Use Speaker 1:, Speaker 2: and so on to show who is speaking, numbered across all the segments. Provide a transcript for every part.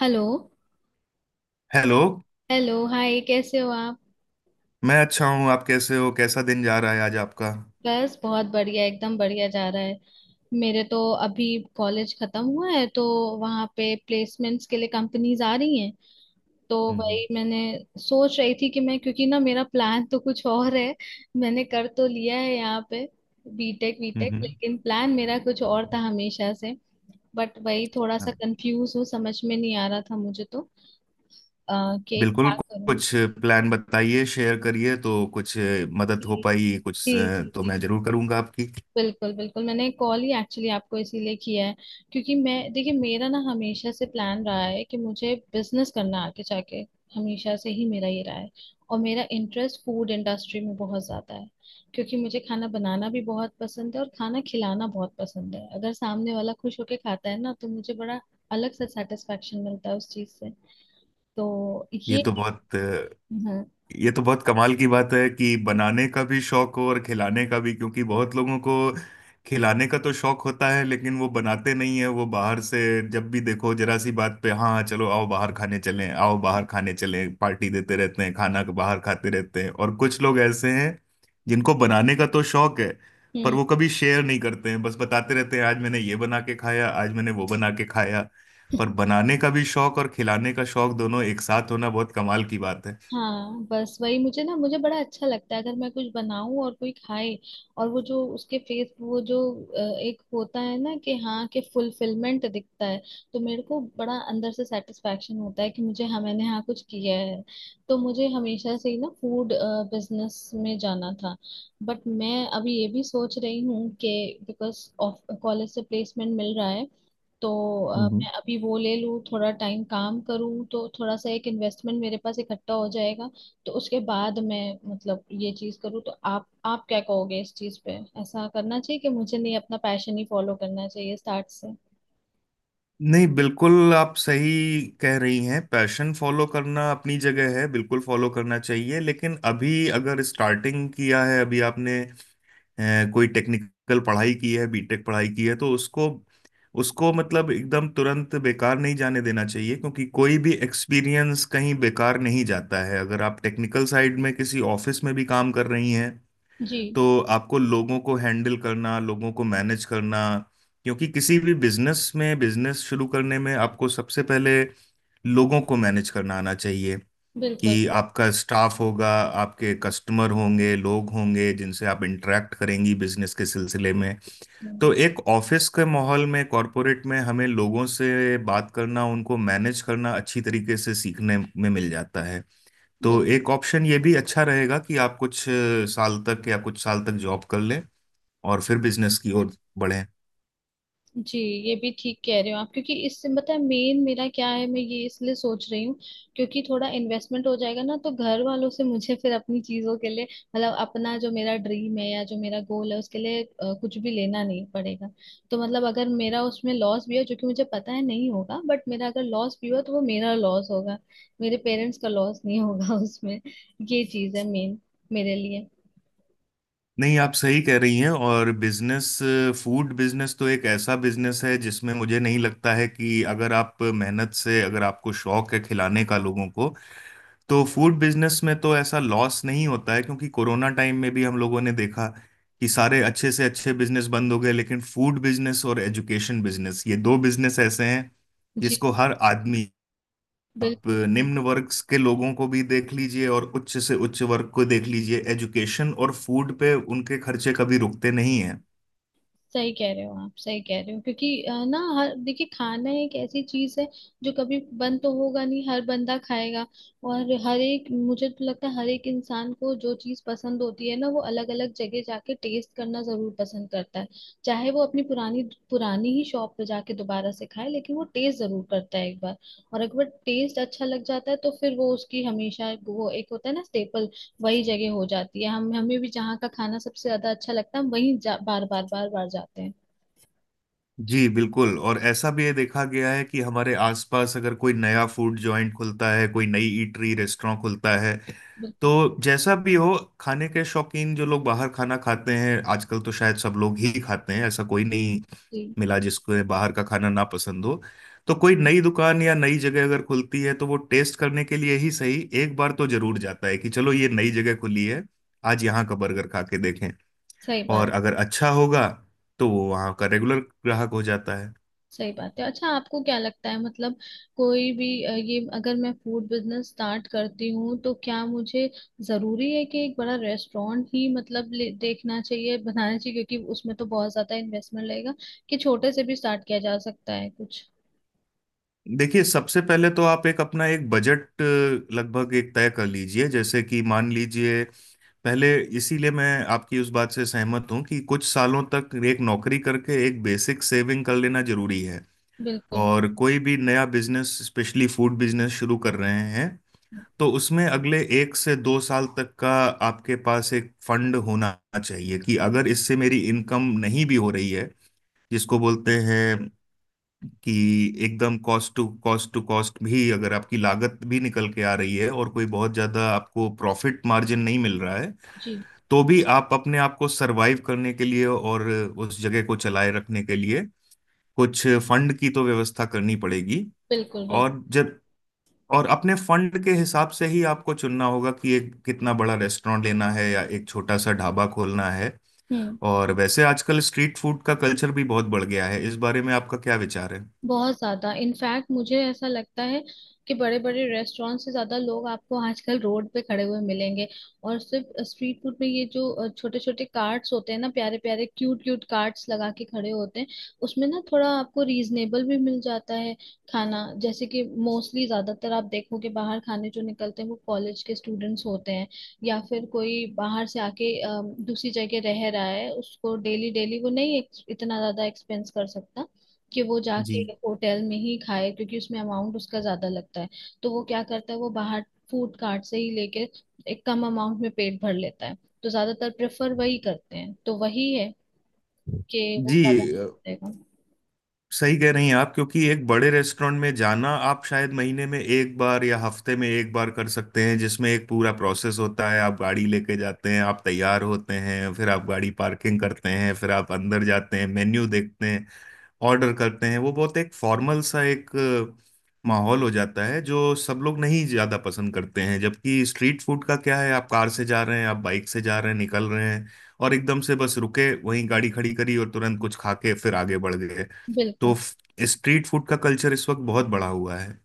Speaker 1: Hello.
Speaker 2: Hello.
Speaker 1: Hello, hi, कैसे हो आप।
Speaker 2: मैं अच्छा हूँ, आप कैसे हो? कैसा दिन जा रहा है आज आपका?
Speaker 1: बस बहुत बढ़िया, एकदम बढ़िया जा रहा है। मेरे तो अभी कॉलेज खत्म हुआ है, तो वहाँ पे प्लेसमेंट्स के लिए कंपनीज आ रही हैं। तो
Speaker 2: हम्म।
Speaker 1: वही मैंने सोच रही थी कि मैं, क्योंकि ना मेरा प्लान तो कुछ और है। मैंने कर तो लिया है यहाँ पे बीटेक वीटेक,
Speaker 2: हम्म।
Speaker 1: लेकिन प्लान मेरा कुछ और था हमेशा से। बट वही थोड़ा सा
Speaker 2: हाँ,
Speaker 1: कंफ्यूज हूँ, समझ में नहीं आ रहा था कि
Speaker 2: बिल्कुल।
Speaker 1: क्या करूँ।
Speaker 2: कुछ प्लान बताइए, शेयर करिए तो कुछ मदद हो
Speaker 1: जी
Speaker 2: पाई कुछ
Speaker 1: जी जी
Speaker 2: तो
Speaker 1: जी।
Speaker 2: मैं जरूर करूँगा आपकी।
Speaker 1: बिल्कुल बिल्कुल, मैंने कॉल ही एक्चुअली आपको इसीलिए किया है, क्योंकि मैं देखिए मेरा ना हमेशा से प्लान रहा है कि मुझे बिजनेस करना है आगे जाके। हमेशा से ही मेरा ये रहा है। और मेरा इंटरेस्ट फूड इंडस्ट्री में बहुत ज्यादा है, क्योंकि मुझे खाना बनाना भी बहुत पसंद है और खाना खिलाना बहुत पसंद है। अगर सामने वाला खुश होके खाता है ना, तो मुझे बड़ा अलग सा सेटिस्फेक्शन मिलता है उस चीज से। तो
Speaker 2: ये
Speaker 1: ये
Speaker 2: तो बहुत
Speaker 1: हाँ।
Speaker 2: ये तो बहुत कमाल की बात है कि बनाने का भी शौक हो और खिलाने का भी, क्योंकि बहुत लोगों को खिलाने का तो शौक होता है लेकिन वो बनाते नहीं है, वो बाहर से जब भी देखो जरा सी बात पे हाँ चलो आओ बाहर खाने चलें आओ बाहर खाने चलें पार्टी देते रहते हैं, खाना बाहर खाते रहते हैं। और कुछ लोग ऐसे हैं जिनको बनाने का तो शौक है पर
Speaker 1: हम्म।
Speaker 2: वो कभी शेयर नहीं करते हैं, बस बताते रहते हैं आज मैंने ये बना के खाया आज मैंने वो बना के खाया। पर बनाने का भी शौक और खिलाने का शौक दोनों एक साथ होना बहुत कमाल की बात
Speaker 1: हाँ, बस वही मुझे ना, मुझे बड़ा अच्छा लगता है अगर मैं कुछ बनाऊं और कोई खाए। और वो जो उसके फेस, वो जो एक होता है ना कि हाँ कि फुलफिलमेंट दिखता है। तो मेरे को बड़ा अंदर से सेटिस्फेक्शन होता है कि मुझे हाँ मैंने, हाँ, कुछ किया है। तो मुझे हमेशा से ही ना फूड बिजनेस में जाना था। बट मैं अभी ये भी सोच रही हूँ कि बिकॉज ऑफ कॉलेज से प्लेसमेंट मिल रहा है, तो
Speaker 2: है।
Speaker 1: मैं अभी वो ले लूँ, थोड़ा टाइम काम करूँ, तो थोड़ा सा एक इन्वेस्टमेंट मेरे पास इकट्ठा हो जाएगा। तो उसके बाद मैं मतलब ये चीज़ करूँ, तो आप क्या कहोगे इस चीज़ पे। ऐसा करना चाहिए कि मुझे, नहीं, अपना पैशन ही फॉलो करना चाहिए स्टार्ट से।
Speaker 2: नहीं, बिल्कुल आप सही कह रही हैं। पैशन फॉलो करना अपनी जगह है, बिल्कुल फॉलो करना चाहिए, लेकिन अभी अगर स्टार्टिंग किया है अभी आपने कोई टेक्निकल पढ़ाई की है, बीटेक पढ़ाई की है, तो उसको उसको मतलब एकदम तुरंत बेकार नहीं जाने देना चाहिए, क्योंकि कोई भी एक्सपीरियंस कहीं बेकार नहीं जाता है। अगर आप टेक्निकल साइड में किसी ऑफिस में भी काम कर रही हैं
Speaker 1: जी
Speaker 2: तो आपको लोगों को हैंडल करना, लोगों को मैनेज करना, क्योंकि किसी भी बिजनेस में, बिजनेस शुरू करने में आपको सबसे पहले लोगों को मैनेज करना आना चाहिए।
Speaker 1: बिल्कुल।
Speaker 2: कि आपका स्टाफ होगा, आपके कस्टमर होंगे, लोग होंगे जिनसे आप इंटरेक्ट करेंगी बिजनेस के सिलसिले में।
Speaker 1: हम्म,
Speaker 2: तो एक ऑफिस के माहौल में, कॉरपोरेट में, हमें लोगों से बात करना, उनको मैनेज करना अच्छी तरीके से सीखने में मिल जाता है। तो एक ऑप्शन ये भी अच्छा रहेगा कि आप कुछ साल तक, या कुछ साल तक जॉब कर लें और फिर बिजनेस की ओर बढ़े।
Speaker 1: जी। ये भी ठीक कह रहे हो आप, क्योंकि इससे मतलब मेन मेरा क्या है, मैं ये इसलिए सोच रही हूँ, क्योंकि थोड़ा इन्वेस्टमेंट हो जाएगा ना, तो घर वालों से मुझे फिर अपनी चीजों के लिए, मतलब अपना जो मेरा ड्रीम है या जो मेरा गोल है उसके लिए, कुछ भी लेना नहीं पड़ेगा। तो मतलब अगर मेरा उसमें लॉस भी हो, जो कि मुझे पता है नहीं होगा, बट मेरा अगर लॉस भी हुआ, तो वो मेरा लॉस होगा, मेरे पेरेंट्स का लॉस नहीं होगा उसमें। ये चीज है मेन मेरे लिए।
Speaker 2: नहीं, आप सही कह रही हैं। और बिजनेस, फूड बिजनेस तो एक ऐसा बिजनेस है जिसमें मुझे नहीं लगता है कि अगर आप मेहनत से, अगर आपको शौक है खिलाने का लोगों को, तो फूड बिजनेस में तो ऐसा लॉस नहीं होता है। क्योंकि कोरोना टाइम में भी हम लोगों ने देखा कि सारे अच्छे से अच्छे बिजनेस बंद हो गए, लेकिन फूड बिजनेस और एजुकेशन बिजनेस, ये दो बिजनेस ऐसे हैं
Speaker 1: जी
Speaker 2: जिसको हर आदमी, आप
Speaker 1: बिल्कुल,
Speaker 2: निम्न वर्ग के लोगों को भी देख लीजिए और उच्च से उच्च वर्ग को देख लीजिए, एजुकेशन और फूड पे उनके खर्चे कभी रुकते नहीं हैं।
Speaker 1: सही कह रहे हो आप, सही कह रहे हो। क्योंकि ना हर, देखिए, खाना एक ऐसी चीज है जो कभी बंद तो होगा नहीं, हर बंदा खाएगा। और हर एक, मुझे तो लगता है हर एक इंसान को जो चीज पसंद होती है ना, वो अलग अलग जगह जाके टेस्ट करना जरूर पसंद करता है। चाहे वो अपनी पुरानी पुरानी ही शॉप पे जाके दोबारा से खाए, लेकिन वो टेस्ट जरूर करता है एक बार। और एक बार टेस्ट अच्छा लग जाता है, तो फिर वो उसकी हमेशा, वो एक होता है ना स्टेपल, वही जगह हो जाती है। हम हमें भी जहाँ का खाना सबसे ज्यादा अच्छा लगता है, हम वहीं बार बार बार बार जाते हैं।
Speaker 2: जी, बिल्कुल। और ऐसा भी ये देखा गया है कि हमारे आसपास अगर कोई नया फूड जॉइंट खुलता है, कोई नई ईटरी रेस्टोरेंट खुलता है,
Speaker 1: बिल्कुल।
Speaker 2: तो जैसा भी हो, खाने के शौकीन जो लोग बाहर खाना खाते हैं, आजकल तो शायद सब लोग ही खाते हैं, ऐसा कोई नहीं
Speaker 1: जी,
Speaker 2: मिला जिसको बाहर का खाना ना पसंद हो, तो कोई नई दुकान या नई जगह अगर खुलती है तो वो टेस्ट करने के लिए ही सही एक बार तो जरूर जाता है कि चलो ये नई जगह खुली है, आज यहाँ का बर्गर खा के देखें।
Speaker 1: सही बात,
Speaker 2: और अगर अच्छा होगा तो वो वहाँ का रेगुलर ग्राहक हो जाता है।
Speaker 1: सही बात है। अच्छा, आपको क्या लगता है मतलब कोई भी, ये अगर मैं फूड बिजनेस स्टार्ट करती हूँ, तो क्या मुझे जरूरी है कि एक बड़ा रेस्टोरेंट ही, मतलब देखना चाहिए, बनाना चाहिए, क्योंकि उसमें तो बहुत ज्यादा इन्वेस्टमेंट लगेगा। कि छोटे से भी स्टार्ट किया जा सकता है कुछ।
Speaker 2: देखिए, सबसे पहले तो आप एक अपना एक बजट लगभग एक तय कर लीजिए। जैसे कि मान लीजिए, पहले, इसीलिए मैं आपकी उस बात से सहमत हूँ कि कुछ सालों तक एक नौकरी करके एक बेसिक सेविंग कर लेना जरूरी है।
Speaker 1: बिल्कुल।
Speaker 2: और कोई भी नया बिजनेस, स्पेशली फूड बिजनेस शुरू कर रहे हैं, तो उसमें अगले 1 से 2 साल तक का आपके पास एक फंड होना चाहिए। कि अगर इससे मेरी इनकम नहीं भी हो रही है, जिसको बोलते हैं कि एकदम cost to cost to cost भी, अगर आपकी लागत भी निकल के आ रही है और कोई बहुत ज्यादा आपको प्रॉफिट मार्जिन नहीं मिल रहा है,
Speaker 1: जी,
Speaker 2: तो भी आप अपने आप को सरवाइव करने के लिए और उस जगह को चलाए रखने के लिए कुछ फंड की तो व्यवस्था करनी पड़ेगी।
Speaker 1: बिल्कुल बिल्कुल।
Speaker 2: और जब और अपने फंड के हिसाब से ही आपको चुनना होगा कि एक कितना बड़ा रेस्टोरेंट लेना है या एक छोटा सा ढाबा खोलना है।
Speaker 1: हम्म।
Speaker 2: और वैसे आजकल स्ट्रीट फूड का कल्चर भी बहुत बढ़ गया है, इस बारे में आपका क्या विचार है?
Speaker 1: बहुत ज्यादा, इनफैक्ट मुझे ऐसा लगता है कि बड़े बड़े रेस्टोरेंट से ज्यादा लोग आपको आजकल रोड पे खड़े हुए मिलेंगे। और सिर्फ स्ट्रीट फूड में, ये जो छोटे छोटे कार्ट्स होते हैं ना, प्यारे प्यारे क्यूट क्यूट कार्ट्स लगा के खड़े होते हैं, उसमें ना थोड़ा आपको रीजनेबल भी मिल जाता है खाना। जैसे कि मोस्टली ज्यादातर आप देखोगे, बाहर खाने जो निकलते हैं वो कॉलेज के स्टूडेंट्स होते हैं, या फिर कोई बाहर से आके दूसरी जगह रह रहा है, उसको डेली डेली वो नहीं इतना ज्यादा एक्सपेंस कर सकता कि वो
Speaker 2: जी,
Speaker 1: जाके होटल में ही खाए, क्योंकि उसमें अमाउंट उसका ज्यादा लगता है। तो वो क्या करता है, वो बाहर फूड कार्ट से ही लेके एक कम अमाउंट में पेट भर लेता है। तो ज्यादातर प्रेफर वही करते हैं, तो वही है कि वो
Speaker 2: जी।
Speaker 1: ज्यादा
Speaker 2: अ,
Speaker 1: करेगा।
Speaker 2: सही कह रही हैं आप, क्योंकि एक बड़े रेस्टोरेंट में जाना आप शायद महीने में एक बार या हफ्ते में एक बार कर सकते हैं, जिसमें एक पूरा प्रोसेस होता है, आप गाड़ी लेके जाते हैं, आप तैयार होते हैं, फिर आप गाड़ी पार्किंग करते हैं, फिर आप अंदर जाते हैं, मेन्यू देखते हैं, ऑर्डर करते हैं। वो बहुत एक फॉर्मल सा एक माहौल हो जाता है, जो सब लोग नहीं ज़्यादा पसंद करते हैं। जबकि स्ट्रीट फूड का क्या है, आप कार से जा रहे हैं, आप बाइक से जा रहे हैं, निकल रहे हैं, और एकदम से बस रुके वहीं गाड़ी खड़ी करी और तुरंत कुछ खा के फिर आगे बढ़ गए। तो
Speaker 1: बिल्कुल।
Speaker 2: स्ट्रीट फूड का कल्चर इस वक्त बहुत बड़ा हुआ है।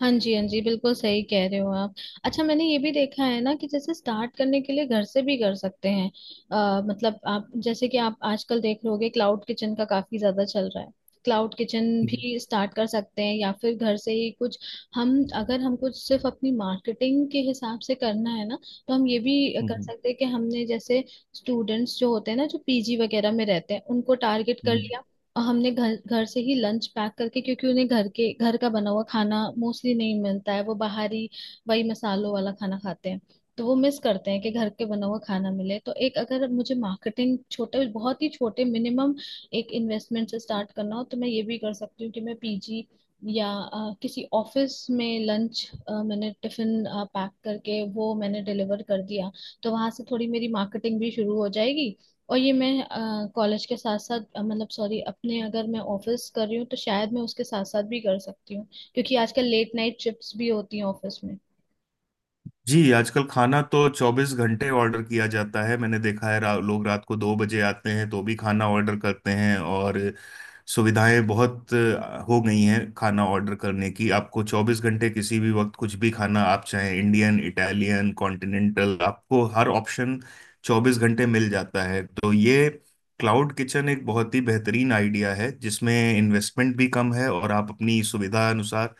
Speaker 1: हाँ जी, हाँ जी, बिल्कुल सही कह रहे हो आप। अच्छा, मैंने ये भी देखा है ना कि जैसे स्टार्ट करने के लिए घर से भी कर सकते हैं। मतलब आप जैसे कि, आप आजकल देख लोगे क्लाउड किचन का काफी ज्यादा चल रहा है। क्लाउड किचन भी स्टार्ट कर सकते हैं, या फिर घर से ही कुछ। हम, अगर हमको सिर्फ अपनी मार्केटिंग के हिसाब से करना है ना, तो हम ये भी कर सकते हैं कि हमने जैसे स्टूडेंट्स जो होते हैं ना, जो पीजी वगैरह में रहते हैं, उनको टारगेट कर लिया, और हमने घर, घर से ही लंच पैक करके, क्योंकि उन्हें घर के, घर का बना हुआ खाना मोस्टली नहीं मिलता है, वो बाहरी वही मसालों वाला खाना खाते हैं। तो वो मिस करते हैं कि घर के बना हुआ खाना मिले। तो एक, अगर मुझे मार्केटिंग छोटे, बहुत ही छोटे मिनिमम एक इन्वेस्टमेंट से स्टार्ट करना हो, तो मैं ये भी कर सकती हूँ कि मैं पीजी या किसी ऑफिस में लंच, मैंने टिफिन पैक करके वो मैंने डिलीवर कर दिया, तो वहां से थोड़ी मेरी मार्केटिंग भी शुरू हो जाएगी। और ये मैं कॉलेज के साथ साथ, मतलब सॉरी अपने, अगर मैं ऑफिस कर रही हूँ, तो शायद मैं उसके साथ साथ भी कर सकती हूँ, क्योंकि आजकल लेट नाइट शिफ्ट्स भी होती हैं ऑफिस में।
Speaker 2: जी, आजकल खाना तो 24 घंटे ऑर्डर किया जाता है। मैंने देखा है लोग रात को 2 बजे आते हैं तो भी खाना ऑर्डर करते हैं। और सुविधाएं बहुत हो गई हैं खाना ऑर्डर करने की। आपको 24 घंटे किसी भी वक्त कुछ भी खाना आप चाहें, इंडियन, इटालियन, कॉन्टिनेंटल, आपको हर ऑप्शन 24 घंटे मिल जाता है। तो ये क्लाउड किचन एक बहुत ही बेहतरीन आइडिया है, जिसमें इन्वेस्टमेंट भी कम है और आप अपनी सुविधा अनुसार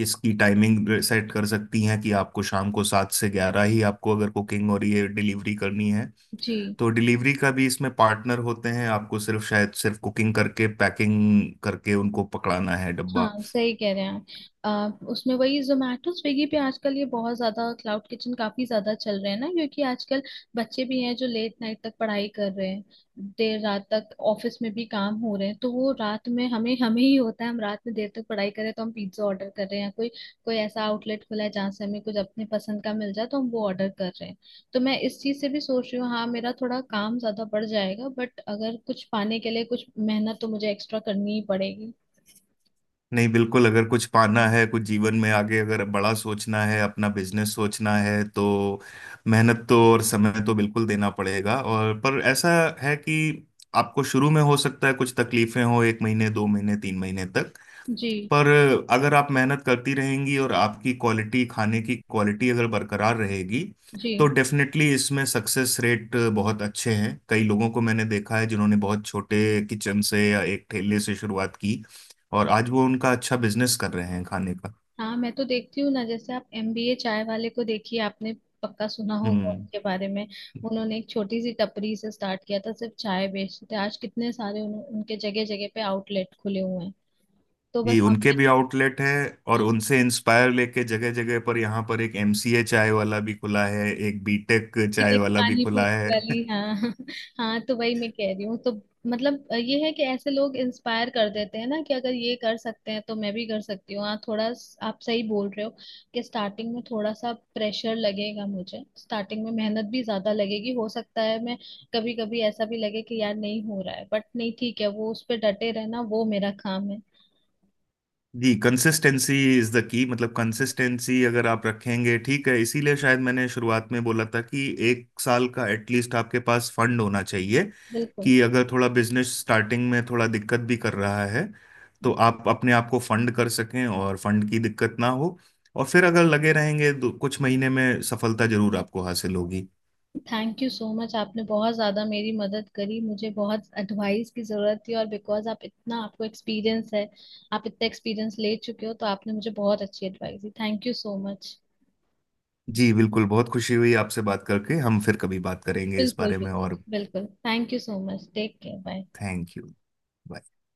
Speaker 2: इसकी टाइमिंग सेट कर सकती हैं। कि आपको शाम को 7 से 11 ही आपको अगर कुकिंग और ये डिलीवरी करनी है,
Speaker 1: जी
Speaker 2: तो डिलीवरी का भी इसमें पार्टनर होते हैं, आपको सिर्फ, शायद सिर्फ कुकिंग करके पैकिंग करके उनको पकड़ाना है डब्बा।
Speaker 1: हाँ, सही कह रहे हैं आप। उसमें वही जोमेटो स्विगी पे आजकल ये बहुत ज्यादा क्लाउड किचन काफी ज्यादा चल रहे हैं ना, क्योंकि आजकल बच्चे भी हैं जो लेट नाइट तक पढ़ाई कर रहे हैं, देर रात तक ऑफिस में भी काम हो रहे हैं, तो वो रात में, हमें हमें ही होता है, हम रात में देर तक पढ़ाई कर रहे हैं तो हम पिज्जा ऑर्डर कर रहे हैं। कोई कोई ऐसा आउटलेट खुला है जहाँ से हमें कुछ अपने पसंद का मिल जाए, तो हम वो ऑर्डर कर रहे हैं। तो मैं इस चीज से भी सोच रही हूँ, हाँ मेरा थोड़ा काम ज्यादा बढ़ जाएगा, बट अगर कुछ पाने के लिए कुछ मेहनत तो मुझे एक्स्ट्रा करनी ही पड़ेगी।
Speaker 2: नहीं, बिल्कुल, अगर कुछ पाना है, कुछ जीवन में आगे अगर बड़ा सोचना है, अपना बिजनेस सोचना है, तो मेहनत तो और समय तो बिल्कुल देना पड़ेगा। और पर ऐसा है कि आपको शुरू में हो सकता है कुछ तकलीफें हो, 1 महीने 2 महीने 3 महीने तक।
Speaker 1: जी
Speaker 2: पर अगर आप मेहनत करती रहेंगी और आपकी क्वालिटी, खाने की क्वालिटी अगर बरकरार रहेगी, तो
Speaker 1: जी।
Speaker 2: डेफिनेटली इसमें सक्सेस रेट बहुत अच्छे हैं। कई लोगों को मैंने देखा है जिन्होंने बहुत छोटे किचन से या एक ठेले से शुरुआत की और आज वो उनका अच्छा बिजनेस कर रहे हैं खाने का।
Speaker 1: हाँ मैं तो देखती हूँ ना, जैसे आप एमबीए चाय वाले को देखिए, आपने पक्का सुना होगा
Speaker 2: हम्म।
Speaker 1: उनके बारे में। उन्होंने एक छोटी सी टपरी से स्टार्ट किया था, सिर्फ चाय बेचते थे, आज कितने सारे उनके जगह जगह पे आउटलेट खुले हुए हैं। तो
Speaker 2: जी,
Speaker 1: बस
Speaker 2: उनके
Speaker 1: आपके,
Speaker 2: भी आउटलेट है और उनसे इंस्पायर लेके जगह जगह पर, यहाँ पर एक एमसीए चाय वाला भी खुला है, एक बीटेक चाय
Speaker 1: खिचक
Speaker 2: वाला भी खुला
Speaker 1: पानीपुरी
Speaker 2: है।
Speaker 1: वाली, हाँ हाँ, तो वही मैं कह रही हूँ। तो मतलब ये है कि ऐसे लोग इंस्पायर कर देते हैं ना कि अगर ये कर सकते हैं, तो मैं भी कर सकती हूँ। हाँ, थोड़ा आप सही बोल रहे हो कि स्टार्टिंग में थोड़ा सा प्रेशर लगेगा मुझे, स्टार्टिंग में मेहनत भी ज्यादा लगेगी, हो सकता है मैं कभी कभी ऐसा भी लगे कि यार नहीं हो रहा है, बट नहीं, ठीक है, वो उस पर डटे रहना वो मेरा काम है।
Speaker 2: जी, कंसिस्टेंसी इज द की। मतलब कंसिस्टेंसी अगर आप रखेंगे, ठीक है, इसीलिए शायद मैंने शुरुआत में बोला था कि 1 साल का एटलीस्ट आपके पास फंड होना चाहिए।
Speaker 1: बिल्कुल,
Speaker 2: कि अगर थोड़ा बिजनेस स्टार्टिंग में थोड़ा दिक्कत भी कर रहा है, तो आप अपने आप को फंड कर सकें और फंड की दिक्कत ना हो। और फिर अगर लगे रहेंगे तो कुछ महीने में सफलता जरूर आपको हासिल होगी।
Speaker 1: थैंक यू सो मच, आपने बहुत ज़्यादा मेरी मदद करी, मुझे बहुत एडवाइस की ज़रूरत थी। और बिकॉज आप इतना, आपको एक्सपीरियंस है, आप इतना एक्सपीरियंस ले चुके हो, तो आपने मुझे बहुत अच्छी एडवाइस दी, थैंक यू सो मच।
Speaker 2: जी, बिल्कुल, बहुत खुशी हुई आपसे बात करके, हम फिर कभी बात करेंगे इस
Speaker 1: बिल्कुल
Speaker 2: बारे
Speaker 1: बिल्कुल।
Speaker 2: में। और
Speaker 1: बिल्कुल, thank you so much, take care, bye.
Speaker 2: Thank you.